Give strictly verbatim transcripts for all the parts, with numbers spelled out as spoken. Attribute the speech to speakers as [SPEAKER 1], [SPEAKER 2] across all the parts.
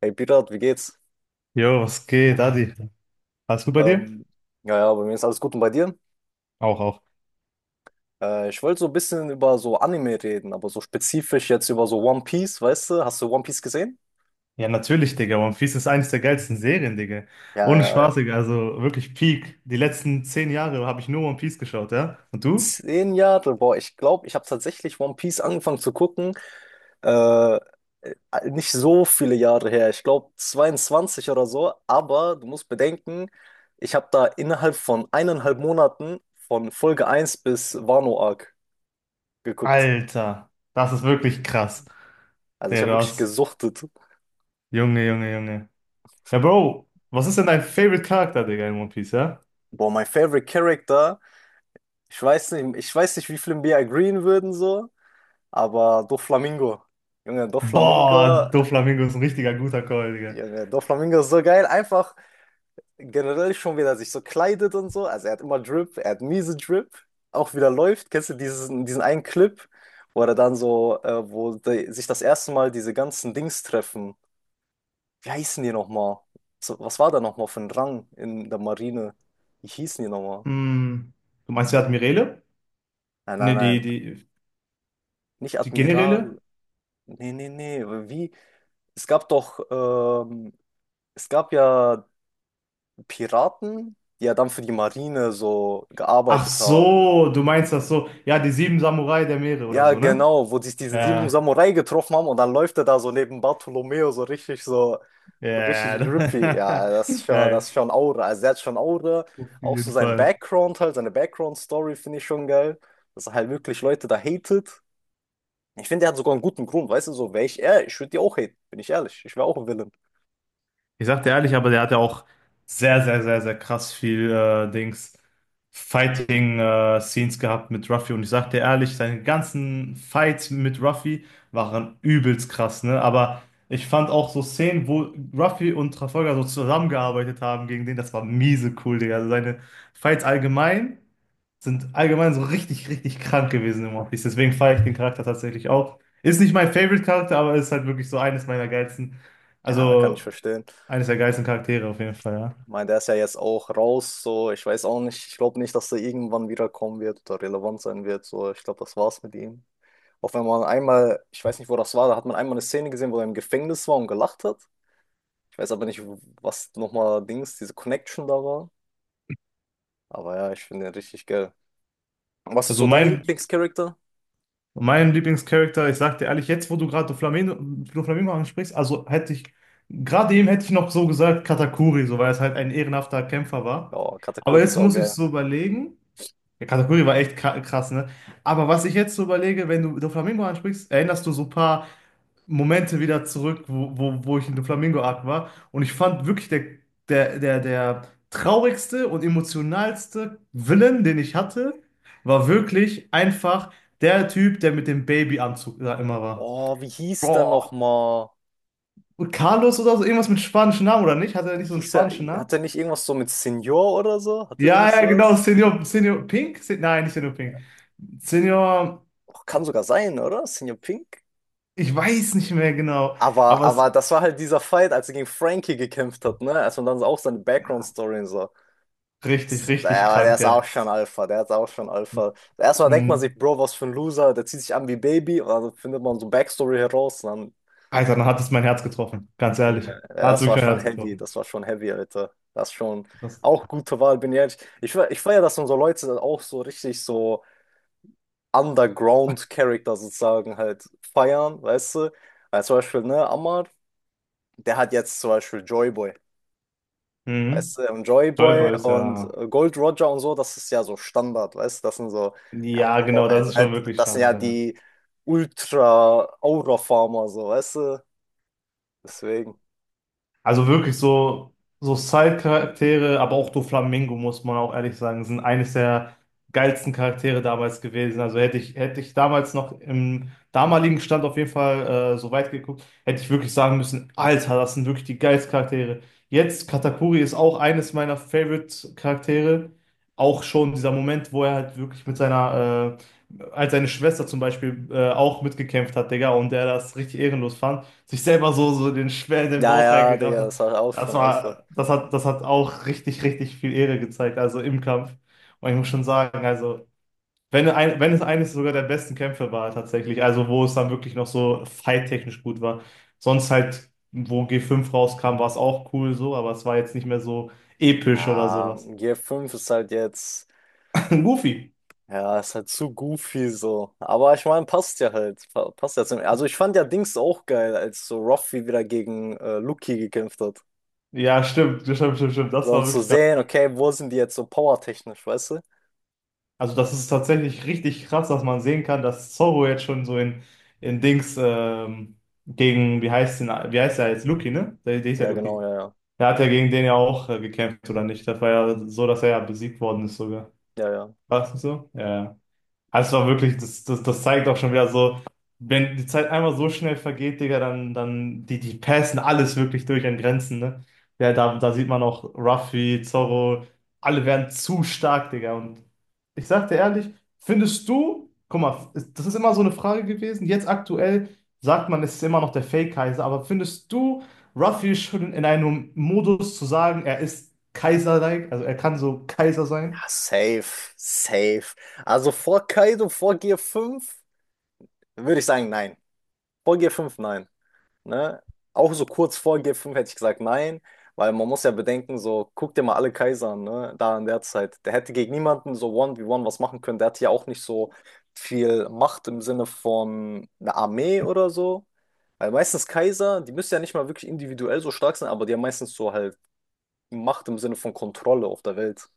[SPEAKER 1] Hey Pirat, wie geht's?
[SPEAKER 2] Jo, was geht, Adi? Alles gut bei dir?
[SPEAKER 1] Ähm, ja, ja, bei mir ist alles gut und bei dir?
[SPEAKER 2] Auch, auch.
[SPEAKER 1] Äh, ich wollte so ein bisschen über so Anime reden, aber so spezifisch jetzt über so One Piece, weißt du? Hast du One Piece gesehen?
[SPEAKER 2] Ja, natürlich, Digga. One Piece ist eines der geilsten Serien, Digga.
[SPEAKER 1] Ja,
[SPEAKER 2] Ohne
[SPEAKER 1] ja, ja.
[SPEAKER 2] Spaß, Digga. Also wirklich Peak. Die letzten zehn Jahre habe ich nur One Piece geschaut, ja? Und du?
[SPEAKER 1] Zehn Jahre, boah, ich glaube, ich habe tatsächlich One Piece angefangen zu gucken. Äh, äh, Nicht so viele Jahre her, ich glaube zweiundzwanzig oder so, aber du musst bedenken, ich habe da innerhalb von eineinhalb Monaten von Folge eins bis Wano Arc geguckt.
[SPEAKER 2] Alter, das ist wirklich krass.
[SPEAKER 1] Also ich
[SPEAKER 2] Digga,
[SPEAKER 1] habe
[SPEAKER 2] du
[SPEAKER 1] wirklich
[SPEAKER 2] hast.
[SPEAKER 1] gesuchtet.
[SPEAKER 2] Junge, Junge, Junge. Ja, Bro, was ist denn dein Favorite Charakter, Digga, in One Piece, ja?
[SPEAKER 1] Boah, mein favorite Character. Ich weiß nicht, ich weiß nicht, wie viele mir agreeen würden so, aber Doflamingo. Junge, Doflamingo,
[SPEAKER 2] Boah, Doflamingo ist ein richtiger guter Call, Digga.
[SPEAKER 1] Junge, Doflamingo ist so geil. Einfach generell schon, wie er sich so kleidet und so. Also er hat immer Drip, er hat miese Drip. Auch wieder läuft. Kennst du diesen, diesen einen Clip, wo er dann so, äh, wo die, sich das erste Mal diese ganzen Dings treffen. Wie heißen die nochmal? So, was war da nochmal für ein Rang in der Marine? Wie hießen die nochmal?
[SPEAKER 2] Hm. Du meinst, wer hat Mirele?
[SPEAKER 1] Nein, nein,
[SPEAKER 2] Ne, die,
[SPEAKER 1] nein.
[SPEAKER 2] die,
[SPEAKER 1] Nicht
[SPEAKER 2] die Generäle?
[SPEAKER 1] Admiral. Nee, nee, nee. Wie? Es gab doch, ähm, es gab ja Piraten, die ja dann für die Marine so
[SPEAKER 2] Ach
[SPEAKER 1] gearbeitet haben.
[SPEAKER 2] so, du meinst das so. Ja, die sieben Samurai der Meere oder
[SPEAKER 1] Ja,
[SPEAKER 2] so, ne?
[SPEAKER 1] genau, wo sich diese sieben
[SPEAKER 2] Ja,
[SPEAKER 1] Samurai getroffen haben und dann läuft er da so neben Bartolomeo so richtig so, so richtig drippy.
[SPEAKER 2] ja.
[SPEAKER 1] Ja, das ist schon, das ist
[SPEAKER 2] Geil.
[SPEAKER 1] schon Aura. Also der hat schon Aura.
[SPEAKER 2] Auf
[SPEAKER 1] Auch so
[SPEAKER 2] jeden
[SPEAKER 1] sein
[SPEAKER 2] Fall.
[SPEAKER 1] Background halt, seine Background-Story finde ich schon geil. Dass er halt wirklich Leute da hatet. Ich finde, er hat sogar einen guten Grund, weißt du, so wäre ich er, ich würde die auch haten, bin ich ehrlich. Ich wäre auch ein Villain.
[SPEAKER 2] Ich sag dir ehrlich, aber der hat ja auch sehr, sehr, sehr, sehr krass viel äh, Dings Fighting äh, Scenes gehabt mit Ruffy. Und ich sag dir ehrlich, seine ganzen Fights mit Ruffy waren übelst krass, ne? Aber ich fand auch so Szenen, wo Ruffy und Trafalgar so zusammengearbeitet haben gegen den, das war miese cool, Digga. Also seine Fights allgemein sind allgemein so richtig, richtig krank gewesen im One Piece. Deswegen feiere ich den Charakter tatsächlich auch. Ist nicht mein Favorite-Charakter, aber ist halt wirklich so eines meiner geilsten,
[SPEAKER 1] Ja, kann ich
[SPEAKER 2] also
[SPEAKER 1] verstehen.
[SPEAKER 2] eines der geilsten Charaktere auf jeden Fall, ja.
[SPEAKER 1] Ich meine, der ist ja jetzt auch raus, so ich weiß auch nicht, ich glaube nicht, dass er irgendwann wiederkommen wird oder relevant sein wird. So, ich glaube, das war's mit ihm. Auch wenn man einmal, ich weiß nicht, wo das war, da hat man einmal eine Szene gesehen, wo er im Gefängnis war und gelacht hat. Ich weiß aber nicht, was nochmal Dings, diese Connection da war. Aber ja, ich finde den richtig geil. Was ist
[SPEAKER 2] Also
[SPEAKER 1] so dein
[SPEAKER 2] mein,
[SPEAKER 1] Lieblingscharakter?
[SPEAKER 2] mein Lieblingscharakter, ich sag dir ehrlich, jetzt wo du gerade Doflamingo, Doflamingo ansprichst, also hätte ich, gerade eben hätte ich noch so gesagt Katakuri, so weil es halt ein ehrenhafter Kämpfer war.
[SPEAKER 1] Oh,
[SPEAKER 2] Aber
[SPEAKER 1] Katakuri ist
[SPEAKER 2] jetzt
[SPEAKER 1] auch
[SPEAKER 2] muss ich
[SPEAKER 1] geil.
[SPEAKER 2] so überlegen, ja, Katakuri war echt kra- krass, ne? Aber was ich jetzt so überlege, wenn du Doflamingo ansprichst, erinnerst du so ein paar Momente wieder zurück, wo, wo, wo ich in der Flamingo-Art war. Und ich fand wirklich der, der, der, der traurigste und emotionalste Villain, den ich hatte, war wirklich einfach der Typ, der mit dem Babyanzug da immer war.
[SPEAKER 1] Oh, wie hieß der
[SPEAKER 2] Boah.
[SPEAKER 1] nochmal?
[SPEAKER 2] Und Carlos oder so, irgendwas mit spanischen Namen oder nicht? Hatte er nicht so einen
[SPEAKER 1] Hieß er,
[SPEAKER 2] spanischen Namen?
[SPEAKER 1] hat er nicht irgendwas so mit Senior oder so? Hatte der
[SPEAKER 2] Ja,
[SPEAKER 1] nicht
[SPEAKER 2] ja, genau,
[SPEAKER 1] sowas?
[SPEAKER 2] Senior, Senior Pink? Se Nein, nicht Senior Pink. Senior,
[SPEAKER 1] Och, kann sogar sein, oder? Senior Pink?
[SPEAKER 2] ich weiß nicht mehr genau,
[SPEAKER 1] Aber,
[SPEAKER 2] aber es,
[SPEAKER 1] aber das war halt dieser Fight, als er gegen Frankie gekämpft hat, ne? Als man dann so auch seine
[SPEAKER 2] ja,
[SPEAKER 1] Background-Story und so.
[SPEAKER 2] richtig,
[SPEAKER 1] Das-
[SPEAKER 2] richtig
[SPEAKER 1] Der, war- der
[SPEAKER 2] krank,
[SPEAKER 1] ist auch
[SPEAKER 2] der.
[SPEAKER 1] schon Alpha, der ist auch schon Alpha. Erstmal denkt man sich,
[SPEAKER 2] Mhm.
[SPEAKER 1] Bro, was für ein Loser, der zieht sich an wie Baby und dann findet man so Backstory heraus. Und dann,
[SPEAKER 2] Alter, dann hat es mein Herz getroffen. Ganz ehrlich.
[SPEAKER 1] Junge,
[SPEAKER 2] Hat es
[SPEAKER 1] das
[SPEAKER 2] wirklich
[SPEAKER 1] war
[SPEAKER 2] mein
[SPEAKER 1] schon
[SPEAKER 2] Herz
[SPEAKER 1] heavy,
[SPEAKER 2] getroffen.
[SPEAKER 1] das war schon heavy, Alter. Das ist schon
[SPEAKER 2] Das
[SPEAKER 1] auch gute Wahl, bin ich ehrlich. Ich, fe- ich feiere, dass unsere Leute dann auch so richtig so Underground-Charakter sozusagen halt feiern, weißt du? Weil zum Beispiel, ne, Ammar. Der hat jetzt zum Beispiel Joyboy,
[SPEAKER 2] Mhm.
[SPEAKER 1] weißt du, und Joyboy
[SPEAKER 2] Joyboy ist
[SPEAKER 1] und
[SPEAKER 2] ja.
[SPEAKER 1] äh, Gold Roger und so, das ist ja so Standard, weißt du, das sind so, ja,
[SPEAKER 2] Ja,
[SPEAKER 1] Bro
[SPEAKER 2] genau, das
[SPEAKER 1] halt,
[SPEAKER 2] ist schon
[SPEAKER 1] ne?
[SPEAKER 2] wirklich
[SPEAKER 1] Das sind ja
[SPEAKER 2] Standard, ja.
[SPEAKER 1] die Ultra-Aura-Farmer, so, weißt du, deswegen.
[SPEAKER 2] Also wirklich so, so Side-Charaktere, aber auch Doflamingo, muss man auch ehrlich sagen, sind eines der geilsten Charaktere damals gewesen. Also hätte ich, hätte ich damals noch im damaligen Stand auf jeden Fall äh, so weit geguckt, hätte ich wirklich sagen müssen, Alter, das sind wirklich die geilsten Charaktere. Jetzt, Katakuri ist auch eines meiner Favorite-Charaktere. Auch schon dieser Moment, wo er halt wirklich mit seiner, äh, als seine Schwester zum Beispiel äh, auch mitgekämpft hat, Digga, und er das richtig ehrenlos fand sich selber so, so den schwer in den
[SPEAKER 1] Ja,
[SPEAKER 2] Bauch
[SPEAKER 1] ja,
[SPEAKER 2] reingerafft
[SPEAKER 1] Digga,
[SPEAKER 2] hat.
[SPEAKER 1] das war auch
[SPEAKER 2] Das
[SPEAKER 1] schon Alpha.
[SPEAKER 2] war, das hat, das hat auch richtig, richtig viel Ehre gezeigt, also im Kampf. Und ich muss schon sagen, also, wenn, ein, wenn es eines sogar der besten Kämpfe war, tatsächlich, also wo es dann wirklich noch so fight-technisch gut war. Sonst halt, wo ge fünf rauskam, war es auch cool so, aber es war jetzt nicht mehr so episch oder
[SPEAKER 1] Ja,
[SPEAKER 2] sowas.
[SPEAKER 1] G fünf ist halt jetzt,
[SPEAKER 2] Goofy.
[SPEAKER 1] ja, ist halt zu goofy so. Aber ich meine, passt ja halt. Pa- Passt ja zum. Also ich fand ja Dings auch geil, als so Ruffy wieder gegen äh, Lucky gekämpft hat.
[SPEAKER 2] Ja, stimmt, stimmt, stimmt, stimmt. Das
[SPEAKER 1] So, um
[SPEAKER 2] war
[SPEAKER 1] zu
[SPEAKER 2] wirklich.
[SPEAKER 1] sehen, okay, wo sind die jetzt so powertechnisch, weißt du?
[SPEAKER 2] Also das ist tatsächlich richtig krass, dass man sehen kann, dass Zorro jetzt schon so in, in Dings ähm, gegen, wie heißt den, wie heißt der jetzt? Lucky, ne? Der, der ist ja
[SPEAKER 1] Ja, genau,
[SPEAKER 2] Lucky.
[SPEAKER 1] ja, ja.
[SPEAKER 2] Der hat ja gegen den ja auch äh, gekämpft, oder nicht? Das war ja so, dass er ja besiegt worden ist sogar.
[SPEAKER 1] Ja, ja.
[SPEAKER 2] War es nicht so? Ja, ja. Also es war wirklich, das, das, das zeigt auch schon wieder so, wenn die Zeit einmal so schnell vergeht, Digga, dann, dann die, die passen alles wirklich durch an Grenzen, ne? Ja, da, da sieht man auch Ruffy, Zorro, alle werden zu stark, Digga. Und ich sag dir ehrlich, findest du, guck mal, das ist immer so eine Frage gewesen, jetzt aktuell sagt man, es ist immer noch der Fake-Kaiser, aber findest du Ruffy schon in einem Modus zu sagen, er ist Kaiser-like, also er kann so Kaiser sein?
[SPEAKER 1] Ja, safe, safe. Also vor Kaido, vor G fünf würde ich sagen, nein. Vor G fünf, nein. Ne? Auch so kurz vor G fünf hätte ich gesagt, nein, weil man muss ja bedenken, so, guck dir mal alle Kaiser an, ne? Da in der Zeit. Der hätte gegen niemanden so one v one was machen können. Der hatte ja auch nicht so viel Macht im Sinne von einer Armee oder so. Weil meistens Kaiser, die müssen ja nicht mal wirklich individuell so stark sein, aber die haben meistens so halt Macht im Sinne von Kontrolle auf der Welt.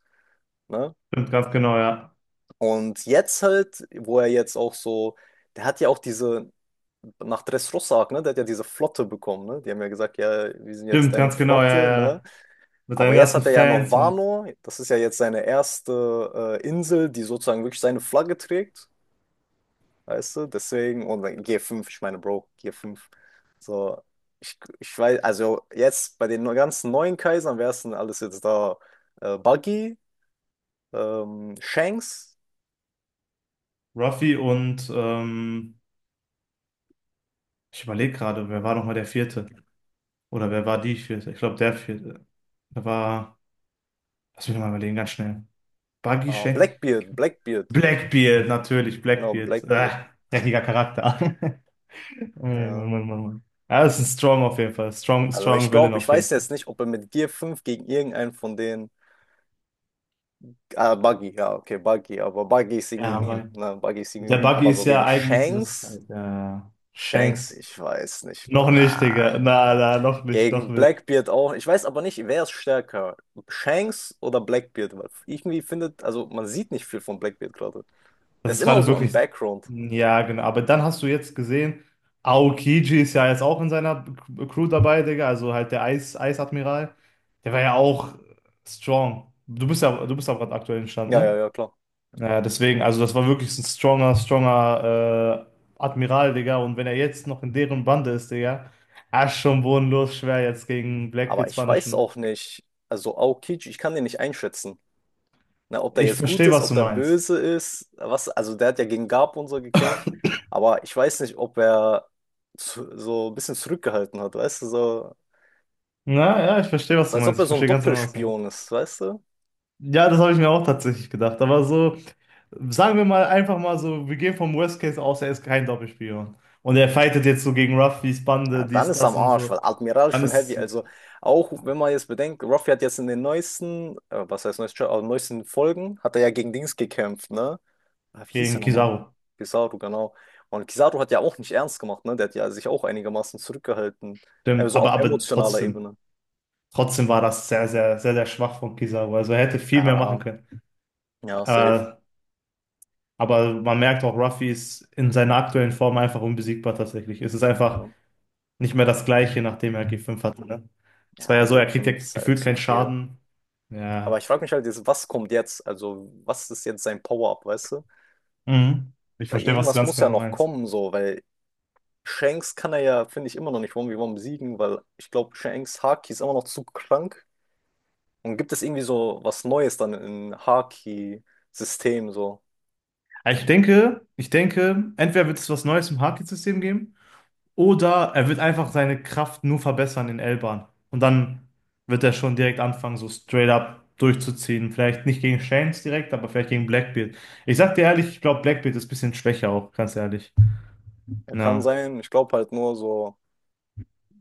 [SPEAKER 1] Ne?
[SPEAKER 2] Stimmt, ganz genau, ja.
[SPEAKER 1] Und jetzt halt, wo er jetzt auch so, der hat ja auch diese, nach Dressrosa, ne, der hat ja diese Flotte bekommen, ne? Die haben ja gesagt, ja, wir sind jetzt
[SPEAKER 2] Stimmt,
[SPEAKER 1] deine
[SPEAKER 2] ganz genau, ja,
[SPEAKER 1] Flotte, ne?
[SPEAKER 2] ja. Mit
[SPEAKER 1] Aber
[SPEAKER 2] seinen
[SPEAKER 1] jetzt
[SPEAKER 2] ganzen
[SPEAKER 1] hat er ja noch
[SPEAKER 2] Fans und
[SPEAKER 1] Wano, das ist ja jetzt seine erste äh, Insel, die sozusagen wirklich seine Flagge trägt, weißt du? Deswegen, und dann G fünf, ich meine, Bro, G fünf. So, ich, ich weiß, also jetzt bei den ganzen neuen Kaisern wäre es alles jetzt da äh, buggy, ähm, Shanks,
[SPEAKER 2] Ruffy und ähm, ich überlege gerade, wer war nochmal der Vierte? Oder wer war die Vierte? Ich glaube, der Vierte. Da war, lass mich noch mal überlegen, ganz schnell. Buggy
[SPEAKER 1] ah,
[SPEAKER 2] Shane?
[SPEAKER 1] Blackbeard, Blackbeard,
[SPEAKER 2] Blackbeard, natürlich,
[SPEAKER 1] genau,
[SPEAKER 2] Blackbeard. Äh,
[SPEAKER 1] Blackbeard,
[SPEAKER 2] dreckiger Charakter. Mann,
[SPEAKER 1] ja.
[SPEAKER 2] Mann, Mann, Mann. Ja, das ist ein Strong auf jeden Fall. Strong,
[SPEAKER 1] Also ich
[SPEAKER 2] strong Villain
[SPEAKER 1] glaube, ich
[SPEAKER 2] auf jeden
[SPEAKER 1] weiß
[SPEAKER 2] Fall.
[SPEAKER 1] jetzt nicht, ob er mit Gear fünf gegen irgendeinen von denen, ah, Buggy, ja, okay, Buggy, aber Buggy ist irgendwie
[SPEAKER 2] Ja,
[SPEAKER 1] Meme,
[SPEAKER 2] aber
[SPEAKER 1] ne, Buggy ist irgendwie
[SPEAKER 2] der
[SPEAKER 1] Meme,
[SPEAKER 2] Buggy
[SPEAKER 1] aber
[SPEAKER 2] ist
[SPEAKER 1] so
[SPEAKER 2] ja
[SPEAKER 1] gegen
[SPEAKER 2] eigentlich dieses
[SPEAKER 1] Shanks,
[SPEAKER 2] äh,
[SPEAKER 1] Shanks,
[SPEAKER 2] Shanks.
[SPEAKER 1] ich weiß nicht, Bro,
[SPEAKER 2] Noch nicht,
[SPEAKER 1] na,
[SPEAKER 2] Digga. Na,
[SPEAKER 1] na.
[SPEAKER 2] na, noch nicht, noch
[SPEAKER 1] Gegen
[SPEAKER 2] nicht.
[SPEAKER 1] Blackbeard auch. Ich weiß aber nicht, wer ist stärker? Shanks oder Blackbeard? Weil irgendwie findet, also man sieht nicht viel von Blackbeard gerade. Der
[SPEAKER 2] Das
[SPEAKER 1] ist
[SPEAKER 2] ist
[SPEAKER 1] immer
[SPEAKER 2] gerade
[SPEAKER 1] so im
[SPEAKER 2] wirklich,
[SPEAKER 1] Background.
[SPEAKER 2] ja, genau. Aber dann hast du jetzt gesehen, Aokiji ist ja jetzt auch in seiner Crew dabei, Digga. Also halt der Eis, Eisadmiral. Der war ja auch strong. Du bist ja, du bist auch gerade aktuell im Stand,
[SPEAKER 1] Ja, ja,
[SPEAKER 2] ne?
[SPEAKER 1] ja, klar.
[SPEAKER 2] Naja, deswegen, also das war wirklich ein stronger, stronger äh, Admiral, Digga. Und wenn er jetzt noch in deren Bande ist, Digga, ah, ist schon bodenlos schwer jetzt gegen
[SPEAKER 1] Aber
[SPEAKER 2] Blackbeard
[SPEAKER 1] ich weiß
[SPEAKER 2] Spanischen.
[SPEAKER 1] auch nicht, also Aokichi, ich kann den nicht einschätzen. Ne, ob der
[SPEAKER 2] Ich
[SPEAKER 1] jetzt gut
[SPEAKER 2] verstehe,
[SPEAKER 1] ist,
[SPEAKER 2] was
[SPEAKER 1] ob
[SPEAKER 2] du
[SPEAKER 1] der
[SPEAKER 2] meinst.
[SPEAKER 1] böse ist, was, also der hat ja gegen Garp und so gekämpft, aber ich weiß nicht, ob er zu, so ein bisschen zurückgehalten hat, weißt du, so,
[SPEAKER 2] Na, ja, ich verstehe, was du
[SPEAKER 1] als ob
[SPEAKER 2] meinst.
[SPEAKER 1] er
[SPEAKER 2] Ich
[SPEAKER 1] so ein
[SPEAKER 2] verstehe ganz genau, was du meinst.
[SPEAKER 1] Doppelspion ist, weißt du?
[SPEAKER 2] Ja, das habe ich mir auch tatsächlich gedacht. Aber so, sagen wir mal einfach mal so, wir gehen vom Worst Case aus, er ist kein Doppelspion. Und er fightet jetzt so gegen Ruffys
[SPEAKER 1] Ja,
[SPEAKER 2] Bande,
[SPEAKER 1] dann
[SPEAKER 2] dies,
[SPEAKER 1] ist er
[SPEAKER 2] das
[SPEAKER 1] am
[SPEAKER 2] und
[SPEAKER 1] Arsch,
[SPEAKER 2] so.
[SPEAKER 1] weil Admiral
[SPEAKER 2] Dann
[SPEAKER 1] schon
[SPEAKER 2] ist es
[SPEAKER 1] heavy,
[SPEAKER 2] wirklich
[SPEAKER 1] also auch wenn man jetzt bedenkt, Ruffy hat jetzt in den neuesten, äh, was heißt neuesten, aber neuesten Folgen, hat er ja gegen Dings gekämpft, ne? Ah, wie hieß er
[SPEAKER 2] gegen
[SPEAKER 1] nochmal?
[SPEAKER 2] Kizaru.
[SPEAKER 1] Kizaru, genau. Und Kizaru hat ja auch nicht ernst gemacht, ne? Der hat ja sich auch einigermaßen zurückgehalten.
[SPEAKER 2] Stimmt,
[SPEAKER 1] Also auf
[SPEAKER 2] aber, aber
[SPEAKER 1] emotionaler
[SPEAKER 2] trotzdem.
[SPEAKER 1] Ebene.
[SPEAKER 2] Trotzdem war das sehr, sehr, sehr, sehr schwach von Kizaru. Also er hätte viel mehr machen
[SPEAKER 1] Ja,
[SPEAKER 2] können.
[SPEAKER 1] ja, safe.
[SPEAKER 2] Äh, aber man merkt auch, Ruffy ist in seiner aktuellen Form einfach unbesiegbar tatsächlich. Es ist
[SPEAKER 1] Ja,
[SPEAKER 2] einfach nicht mehr das Gleiche, nachdem er ge fünf hatte, ne? Es war
[SPEAKER 1] ja,
[SPEAKER 2] ja so,
[SPEAKER 1] g
[SPEAKER 2] er kriegt ja
[SPEAKER 1] Fünf ist halt
[SPEAKER 2] gefühlt
[SPEAKER 1] zu
[SPEAKER 2] keinen
[SPEAKER 1] viel.
[SPEAKER 2] Schaden.
[SPEAKER 1] Aber
[SPEAKER 2] Ja.
[SPEAKER 1] ich frage mich halt jetzt, was kommt jetzt? Also, was ist jetzt sein Power-Up, weißt du?
[SPEAKER 2] Mhm. Ich
[SPEAKER 1] Weil
[SPEAKER 2] verstehe, was du
[SPEAKER 1] irgendwas
[SPEAKER 2] ganz
[SPEAKER 1] muss ja
[SPEAKER 2] genau
[SPEAKER 1] noch
[SPEAKER 2] meinst.
[SPEAKER 1] kommen, so, weil Shanks kann er ja, finde ich, immer noch nicht eins gegen eins besiegen, weil ich glaube, Shanks Haki ist immer noch zu krank. Und gibt es irgendwie so was Neues dann im Haki-System, so?
[SPEAKER 2] Aber Ich denke, ich denke, entweder wird es was Neues im Haki-System geben, oder er wird einfach seine Kraft nur verbessern in L-Bahn. Und dann wird er schon direkt anfangen, so straight up durchzuziehen. Vielleicht nicht gegen Shanks direkt, aber vielleicht gegen Blackbeard. Ich sag dir ehrlich, ich glaube, Blackbeard ist ein bisschen schwächer auch, ganz ehrlich.
[SPEAKER 1] Er kann
[SPEAKER 2] Na,
[SPEAKER 1] sein, ich glaube halt nur so,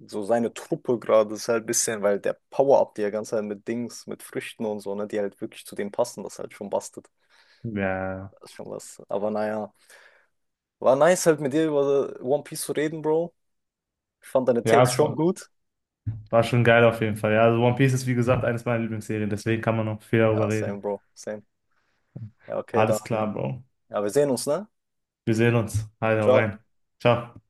[SPEAKER 1] so seine Truppe gerade ist halt ein bisschen, weil der Power-Up, die er ganze Zeit mit Dings, mit Früchten und so, ne, die halt wirklich zu dem passen, das halt schon bastelt.
[SPEAKER 2] ja.
[SPEAKER 1] Das ist schon was. Aber naja, war nice halt mit dir über One Piece zu reden, Bro. Ich fand deine
[SPEAKER 2] Ja,
[SPEAKER 1] Takes
[SPEAKER 2] es
[SPEAKER 1] schon
[SPEAKER 2] war,
[SPEAKER 1] gut.
[SPEAKER 2] war schon geil auf jeden Fall. Ja, also One Piece ist, wie gesagt, eines meiner Lieblingsserien, deswegen kann man noch viel darüber
[SPEAKER 1] Ja, same,
[SPEAKER 2] reden.
[SPEAKER 1] Bro, same. Ja, okay, dann,
[SPEAKER 2] Alles klar, Bro.
[SPEAKER 1] ja, wir sehen uns, ne?
[SPEAKER 2] Wir sehen uns. Halt, hau
[SPEAKER 1] Ciao.
[SPEAKER 2] rein. Ciao.